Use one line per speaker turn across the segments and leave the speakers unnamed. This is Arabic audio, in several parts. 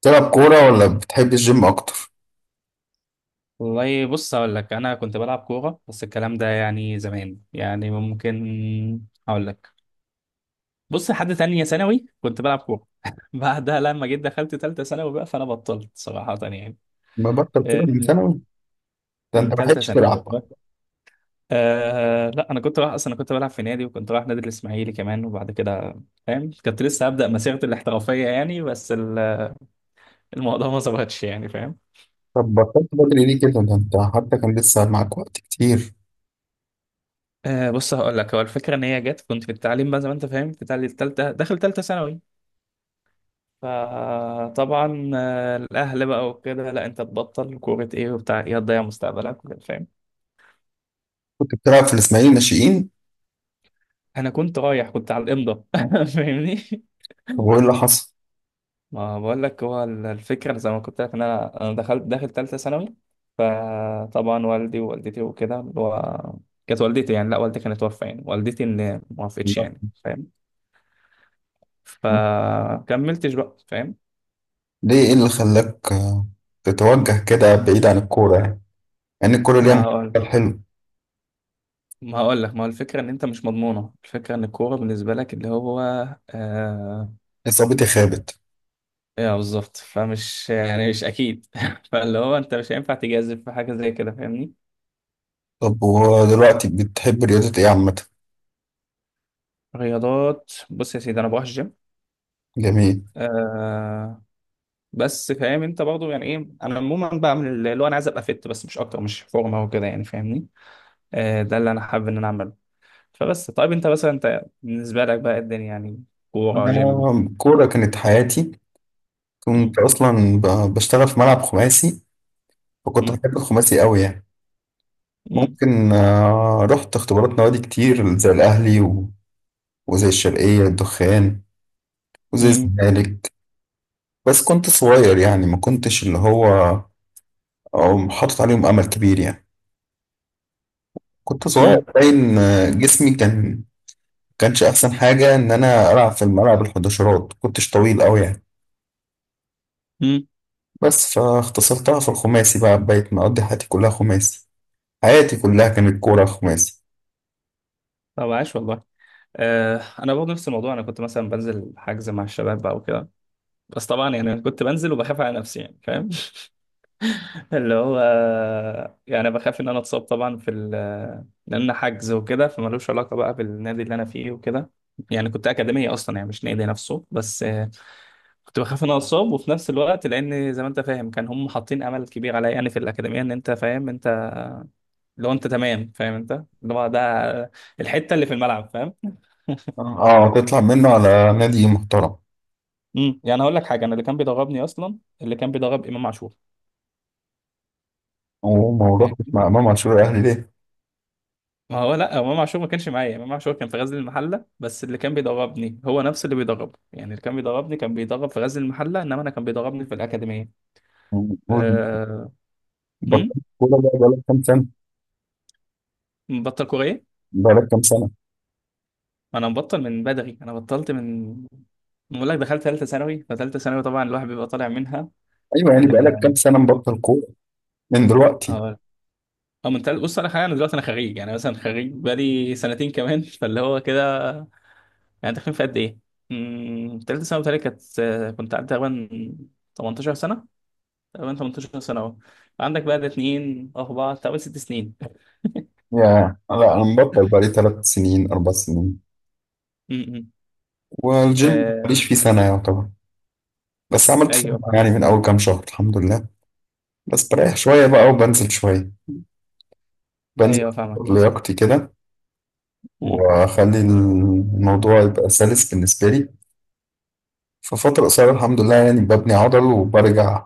بتلعب كورة ولا بتحب الجيم أكتر؟
والله بص هقول لك انا كنت بلعب كوره، بس الكلام ده يعني زمان. يعني ممكن هقول لك، بص لحد تانية ثانوي كنت بلعب كوره. بعدها لما جيت دخلت تالتة ثانوي بقى فانا بطلت صراحه يعني.
ببطل
آه،
كورة من ثانوي. ده أنت
من
ما
تالتة
لحقتش
ثانوي.
تلعب.
أه لا انا كنت رايح اصلا، انا كنت بلعب في نادي وكنت رايح نادي الاسماعيلي كمان. وبعد كده فاهم، كنت لسه هبدا مسيرتي الاحترافيه يعني، بس الموضوع ما ظبطش يعني فاهم.
طب بطلت بدري ليه كده؟ ده أنت حتى كان لسه معاك وقت كتير.
أه بص هقول لك، هو الفكره ان هي جت كنت في التعليم بقى زي ما انت فاهم في داخل تالتة ثانوي. فطبعا الأهل بقى وكده، لا أنت تبطل كورة إيه وبتاع إيه، هتضيع مستقبلك وكده فاهم.
كنت بتلعب في الإسماعيلي ناشئين.
أنا كنت رايح، كنت على الإمضة. فاهمني.
طب وإيه اللي حصل؟
ما بقول لك هو الفكرة زي ما كنت لك، إن أنا دخلت داخل تالتة ثانوي. فطبعا والدي ووالدتي وكده، اللي هو كانت والدتي يعني، لا والدتي كانت توفى، يعني والدتي اللي ما وافقتش يعني
لا.
فاهم. فكملتش بقى فاهم.
ليه إيه اللي خلاك تتوجه كده بعيد عن الكورة يعني؟ يعني الكورة ليها
ما هقول
مستقبل حلو.
ما هقول لك ما هو الفكرة إن أنت مش مضمونة، الفكرة إن الكورة بالنسبة لك اللي هو آه،
إصابتي خابت.
ايه بالظبط. فمش يعني مش اكيد. فاللي هو انت مش هينفع تجازف في حاجه زي كده فاهمني.
طب ودلوقتي بتحب رياضة إيه عامة؟
رياضات، بص يا سيدي انا بروح الجيم.
جميل.
آه بس فاهم انت برضه يعني ايه، انا عموما بعمل اللي هو، انا عايز ابقى فت بس، مش اكتر، مش فورمه وكده يعني فاهمني. آه ده اللي انا حابب ان انا اعمله. فبس طيب انت مثلا، انت بالنسبه لك بقى إيه الدنيا يعني، كوره،
أنا
جيم؟
الكورة كانت حياتي. كنت
مم،
أصلا بشتغل في ملعب خماسي. فكنت
مم،
بحب الخماسي أوي يعني.
مم،
ممكن رحت اختبارات نوادي كتير زي الأهلي وزي الشرقية الدخان وزي
مم،
الزمالك. بس كنت صغير يعني ما كنتش اللي هو أو حاطط عليهم أمل كبير يعني. كنت صغير
مم،
باين جسمي كان كانش أحسن حاجة إن أنا ألعب في الملعب الحداشرات، كنتش طويل أوي يعني.
مم.
بس فاختصرتها في الخماسي بقى، بقيت مقضي حياتي كلها خماسي. حياتي كلها كانت كورة خماسي.
طب عاش والله. آه انا برضه نفس الموضوع، انا كنت مثلا بنزل حجز مع الشباب بقى وكده. بس طبعا يعني انا كنت بنزل وبخاف على نفسي يعني فاهم. اللي هو يعني بخاف ان انا اتصاب طبعا في لان حجز وكده، فمالوش علاقه بقى بالنادي اللي انا فيه وكده. يعني كنت اكاديميه اصلا يعني، مش نادي نفسه. بس كنت بخاف ان انا اتصاب، وفي نفس الوقت لان زي ما انت فاهم كان هم حاطين امل كبير عليا يعني في الاكاديميه، ان انت فاهم انت، لو انت تمام فاهم انت اللي هو ده الحته اللي في الملعب فاهم.
اه تطلع منه على نادي محترم.
يعني هقول لك حاجه، انا اللي كان بيدربني اصلا اللي كان بيدرب امام عاشور.
وما رحتش
يعني.
مع إمام عاشور الأهلي ليه؟
ما هو لا، امام عاشور ما كانش معايا، امام عاشور كان في غزل المحله، بس اللي كان بيدربني هو نفس اللي بيدربه. يعني اللي كان بيدربني كان بيدرب في غزل المحله، انما انا كان بيدربني في الاكاديميه.
هو
أه... أمم؟
بطلت كورة بقى بقالك كام سنة؟
مبطل كوريه.
بقالك كام سنة؟
انا مبطل من بدري، انا بطلت من، بقول لك دخلت ثالثه ثانوي فثالثه ثانوي طبعا الواحد بيبقى طالع منها.
أيوه يعني بقالك
ال
كام سنة مبطل كورة من دلوقتي؟
اه أو من تل... بص انا حاليا، انا دلوقتي انا خريج يعني، مثلا خريج بقالي سنتين كمان. فاللي هو كده، يعني تخين في قد ايه؟ أمم، ثالثه ثانوي بتهيألي كانت، كنت قعدت تقريبا 18 سنه، تقريبا 18 سنة اهو. عندك بقى ده اتنين أربعة تقريبا ست سنين.
يا لا، أنا مبطل بقالي ثلاث سنين أربع سنين.
م- م.
والجيم
آه،
ماليش فيه سنة يعتبر. بس عملت فورمة
أيوه فاهم.
يعني من أول كام شهر الحمد لله. بس بريح شوية بقى وبنزل شوية. بنزل،
أيوه فاهمك
أظبط
بص.
لياقتي كده،
م.
وأخلي الموضوع يبقى سلس بالنسبة لي. في فترة قصيرة الحمد لله يعني ببني عضل وبرجع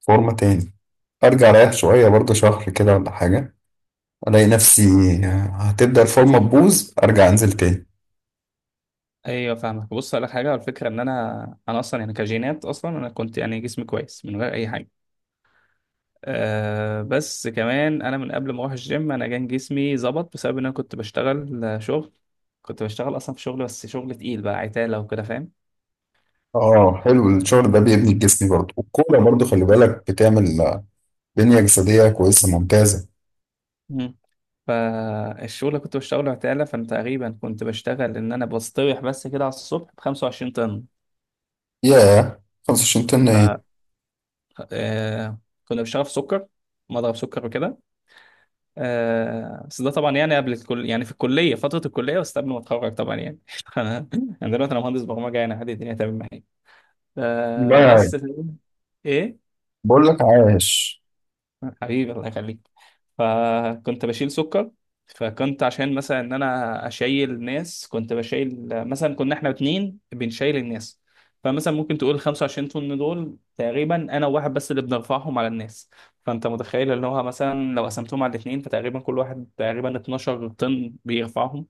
فورمة تاني. أرجع أريح شوية برضه شهر كده ولا حاجة، الاقي نفسي هتبدأ الفورمة تبوظ، ارجع انزل تاني.
أيوه فاهمك بص، أقول لك حاجة، الفكرة إن أنا، أنا أصلا يعني كجينات، أصلا أنا كنت يعني جسمي كويس من غير أي حاجة. أه بس كمان أنا من قبل ما أروح الجيم، أنا كان جسمي ظبط بسبب إن أنا كنت بشتغل شغل. كنت بشتغل أصلا في شغل، بس شغل تقيل بقى، عتالة وكده
اه حلو الشغل ده بيبني الجسم برضه، والكورة برضه خلي بالك بتعمل بنية جسدية كويسة ممتازة.
فاهم. فالشغل اللي كنت بشتغله عتالة، فأنا تقريبا كنت بشتغل إن أنا بستريح بس كده على الصبح بخمسة وعشرين طن.
ياه، 25 طن ايه.
ف آه، كنا بنشتغل في سكر، مضرب سكر وكده. آه، بس ده طبعا يعني قبل الكل، يعني في الكلية، فترة الكلية بس قبل ما أتخرج طبعا يعني. أنا أنا دلوقتي أنا مهندس برمجة يعني، عادي الدنيا تمام معايا. آه،
لا يا عيني.
بس إيه؟
بقول لك عايش.
حبيبي الله يخليك. فكنت بشيل سكر، فكنت عشان مثلا ان انا اشيل الناس كنت بشيل، مثلا كنا احنا اتنين بنشيل الناس. فمثلا ممكن تقول 25 طن دول تقريبا انا وواحد بس اللي بنرفعهم على الناس. فانت متخيل ان هو مثلا لو قسمتهم على الاتنين، فتقريبا كل واحد تقريبا 12 طن بيرفعهم.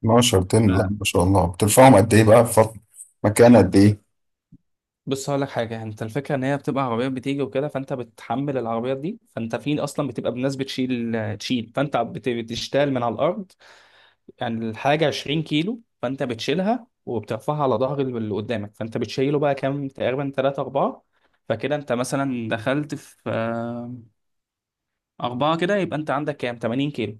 12 طن لا
ف-
ما شاء الله بترفعهم قد ايه بقى في مكان قد ايه.
بص هقول لك حاجه، انت الفكره ان هي بتبقى عربيات بتيجي وكده، فانت بتحمل العربيات دي. فانت في اصلا بتبقى بناس بتشيل، فانت بتشتغل من على الارض. يعني الحاجة 20 كيلو، فأنت بتشيلها وبترفعها على ظهر اللي قدامك، فأنت بتشيله بقى كام، تقريبا تلاتة أربعة. فكده أنت مثلا دخلت في أربعة، كده يبقى أنت عندك كام، 80 كيلو.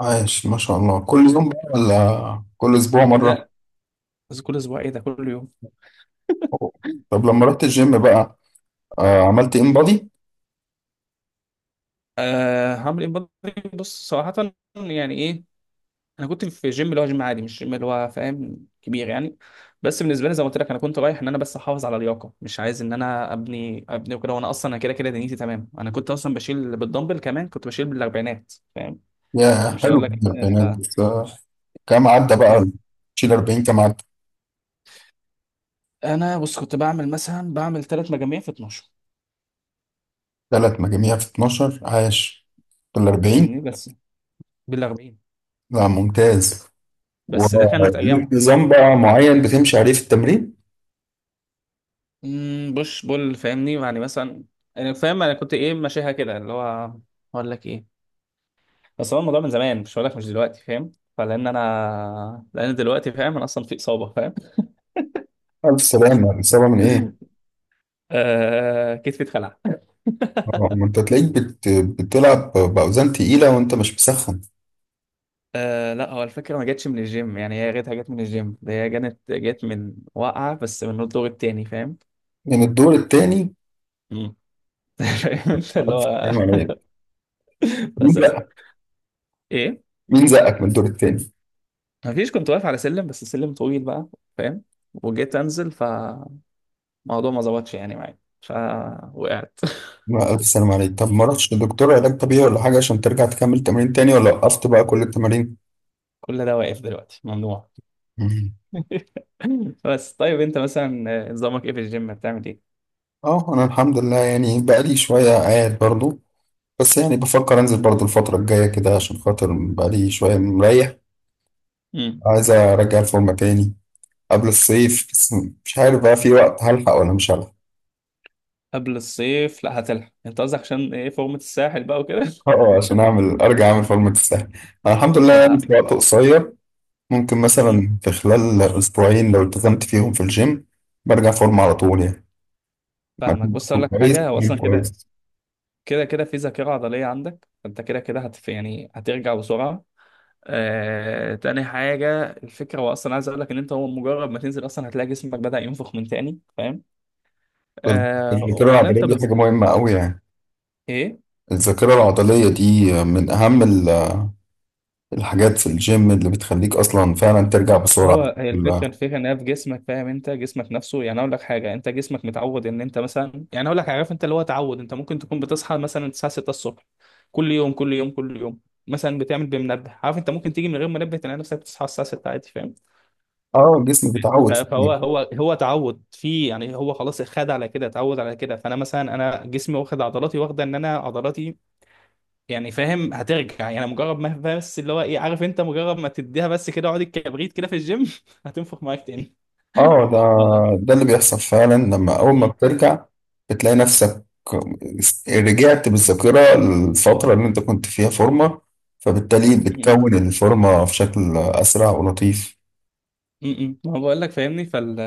عايش ما شاء الله، كل يوم بقى ولا كل اسبوع مرة؟
ده كل أسبوع إيه، ده كل يوم.
أوه. طب لما رحت الجيم بقى عملت ان بودي.
أه هعمل إيه بقى؟ بص صراحة يعني إيه، انا كنت في جيم اللي هو جيم عادي، مش جيم اللي هو فاهم كبير يعني. بس بالنسبه لي زي ما قلت لك، انا كنت رايح ان انا بس احافظ على اللياقه، مش عايز ان انا ابني وكده، وانا اصلا انا كده كده دنيتي تمام. انا كنت اصلا بشيل بالدمبل كمان، كنت بشيل بالاربعينات فاهم.
ياه
مش
حلو
هقول لك ان انا
البنات،
ف...
كام عدى بقى
بس
شيل 40 كام عدى.
انا بص كنت بعمل مثلا بعمل ثلاث مجاميع في 12
ثلاث مجاميع في 12 عاش، في ال 40.
فاهمني. بس بالاربعين.
لا ممتاز.
بس ده كانت
وليك
ايامها.
نظام بقى معين بتمشي عليه في التمرين؟
امم، بوش بول فاهمني. يعني مثلا انا فاهم انا كنت ايه ماشيها كده اللي هو اقول لك ايه، بس هو الموضوع من زمان، مش هقول لك مش دلوقتي فاهم. فلان انا لان دلوقتي فاهم انا اصلا في اصابه فاهم.
ألف سلامة، الإصابة من إيه؟
آه كتفي اتخلع.
ما أنت تلاقيك بتلعب بأوزان تقيلة وأنت مش مسخن.
آه لا هو الفكره ما جاتش من الجيم، يعني هي جاتها، جت من الجيم ده، هي جت من وقعه، بس من الدور التاني فاهم.
من الدور التاني؟
مم. فاهم انت اللي
ألف
هو،
سلامة عليك.
لا
مين
سلام،
بقى؟
ايه،
مين زقك من الدور التاني؟
ما فيش، كنت واقف على سلم بس السلم طويل بقى فاهم. وجيت انزل فالموضوع ما ظبطش يعني معايا فوقعت.
لا، ألف سلامة عليك. طب ما رحتش لدكتور علاج طبيعي ولا حاجة عشان ترجع تكمل تمرين تاني ولا وقفت بقى كل التمارين؟
كل ده واقف دلوقتي ممنوع.
مم.
بس طيب انت مثلا نظامك ايه في الجيم، بتعمل ايه؟
اه انا الحمد لله يعني بقالي شوية قاعد برضو. بس يعني بفكر انزل برضو الفترة الجاية كده عشان خاطر بقالي شوية مريح.
مم.
عايز ارجع الفورمة تاني قبل الصيف بس. مش عارف بقى في وقت هلحق ولا مش هلحق.
قبل الصيف؟ لا هتلحق، انت قصدك عشان ايه، فورمة الساحل بقى وكده.
اه اه، عشان اعمل ارجع اعمل فورمة تستاهل. انا الحمد لله يعني
لا.
في وقت قصير ممكن
مم.
مثلا في خلال اسبوعين لو التزمت فيهم في الجيم برجع فورمة على طول يعني.
فاهمك
مجهود
بص اقول
برضو
لك
كويس.
حاجة، هو اصلا كده
كويس.
كده، كده في ذاكرة عضلية عندك، فانت كده كده هت يعني هترجع بسرعة. تاني حاجة الفكرة، هو اصلا عايز اقول لك ان انت هو مجرد ما تنزل اصلا هتلاقي جسمك بدأ ينفخ من تاني فاهم.
بس الذاكرة
وبعدين
العضلية
انت
دي
بس
حاجة مهمة قوي يعني.
ايه،
الذاكرة العضلية دي من أهم الحاجات في الجيم اللي بتخليك اصلا فعلا ترجع بسرعه.
هو هي الفكره،
لا.
الفكره ان هي في جسمك فاهم، انت جسمك نفسه يعني اقول لك حاجه، انت جسمك متعود ان انت مثلا، يعني اقول لك عارف انت اللي هو تعود، انت ممكن تكون بتصحى مثلا الساعه 6 الصبح كل يوم كل يوم كل يوم، مثلا بتعمل بمنبه، عارف انت ممكن تيجي من غير منبه تلاقي نفسك بتصحى الساعه 6 عادي فاهم.
اه الجسم
ف-
بيتعود.
فهو هو هو تعود في، يعني هو خلاص خد على كده، اتعود على كده. فانا مثلا انا جسمي واخد، عضلاتي واخده ان انا عضلاتي يعني فاهم، هترجع يعني مجرد ما بس اللي هو ايه، عارف انت مجرد ما تديها بس كده، اقعد الكبريت كده في الجيم. هتنفخ معاك تاني.
اه ده اللي بيحصل فعلا لما اول ما
مم.
بترجع. بتلاقي نفسك رجعت بالذاكره الفتره اللي انت كنت فيها فورمه. فبالتالي
مم.
بتكون الفورمه في شكل اسرع ولطيف.
مم. ما بقول لك فاهمني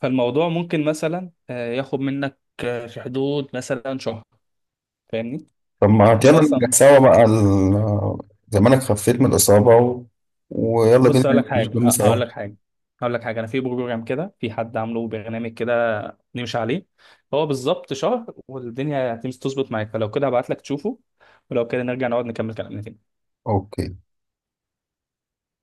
فالموضوع ممكن مثلا ياخد منك في حدود مثلا شهر فاهمني.
طب ما يلا
انت
نرجع
اصلا
سوا بقى زمانك خفيت من الاصابه ويلا بينا
بص اقول
ننزل
لك حاجه،
الجيم
أه،
سوا.
هقول لك حاجه هقول لك حاجه انا في بروجرام كده، في حد عامله برنامج كده نمشي عليه. هو بالظبط شهر والدنيا هتمشي تظبط معاك. فلو كده هبعت لك تشوفه، ولو كده نرجع نقعد نكمل كلامنا تاني.
اوكي.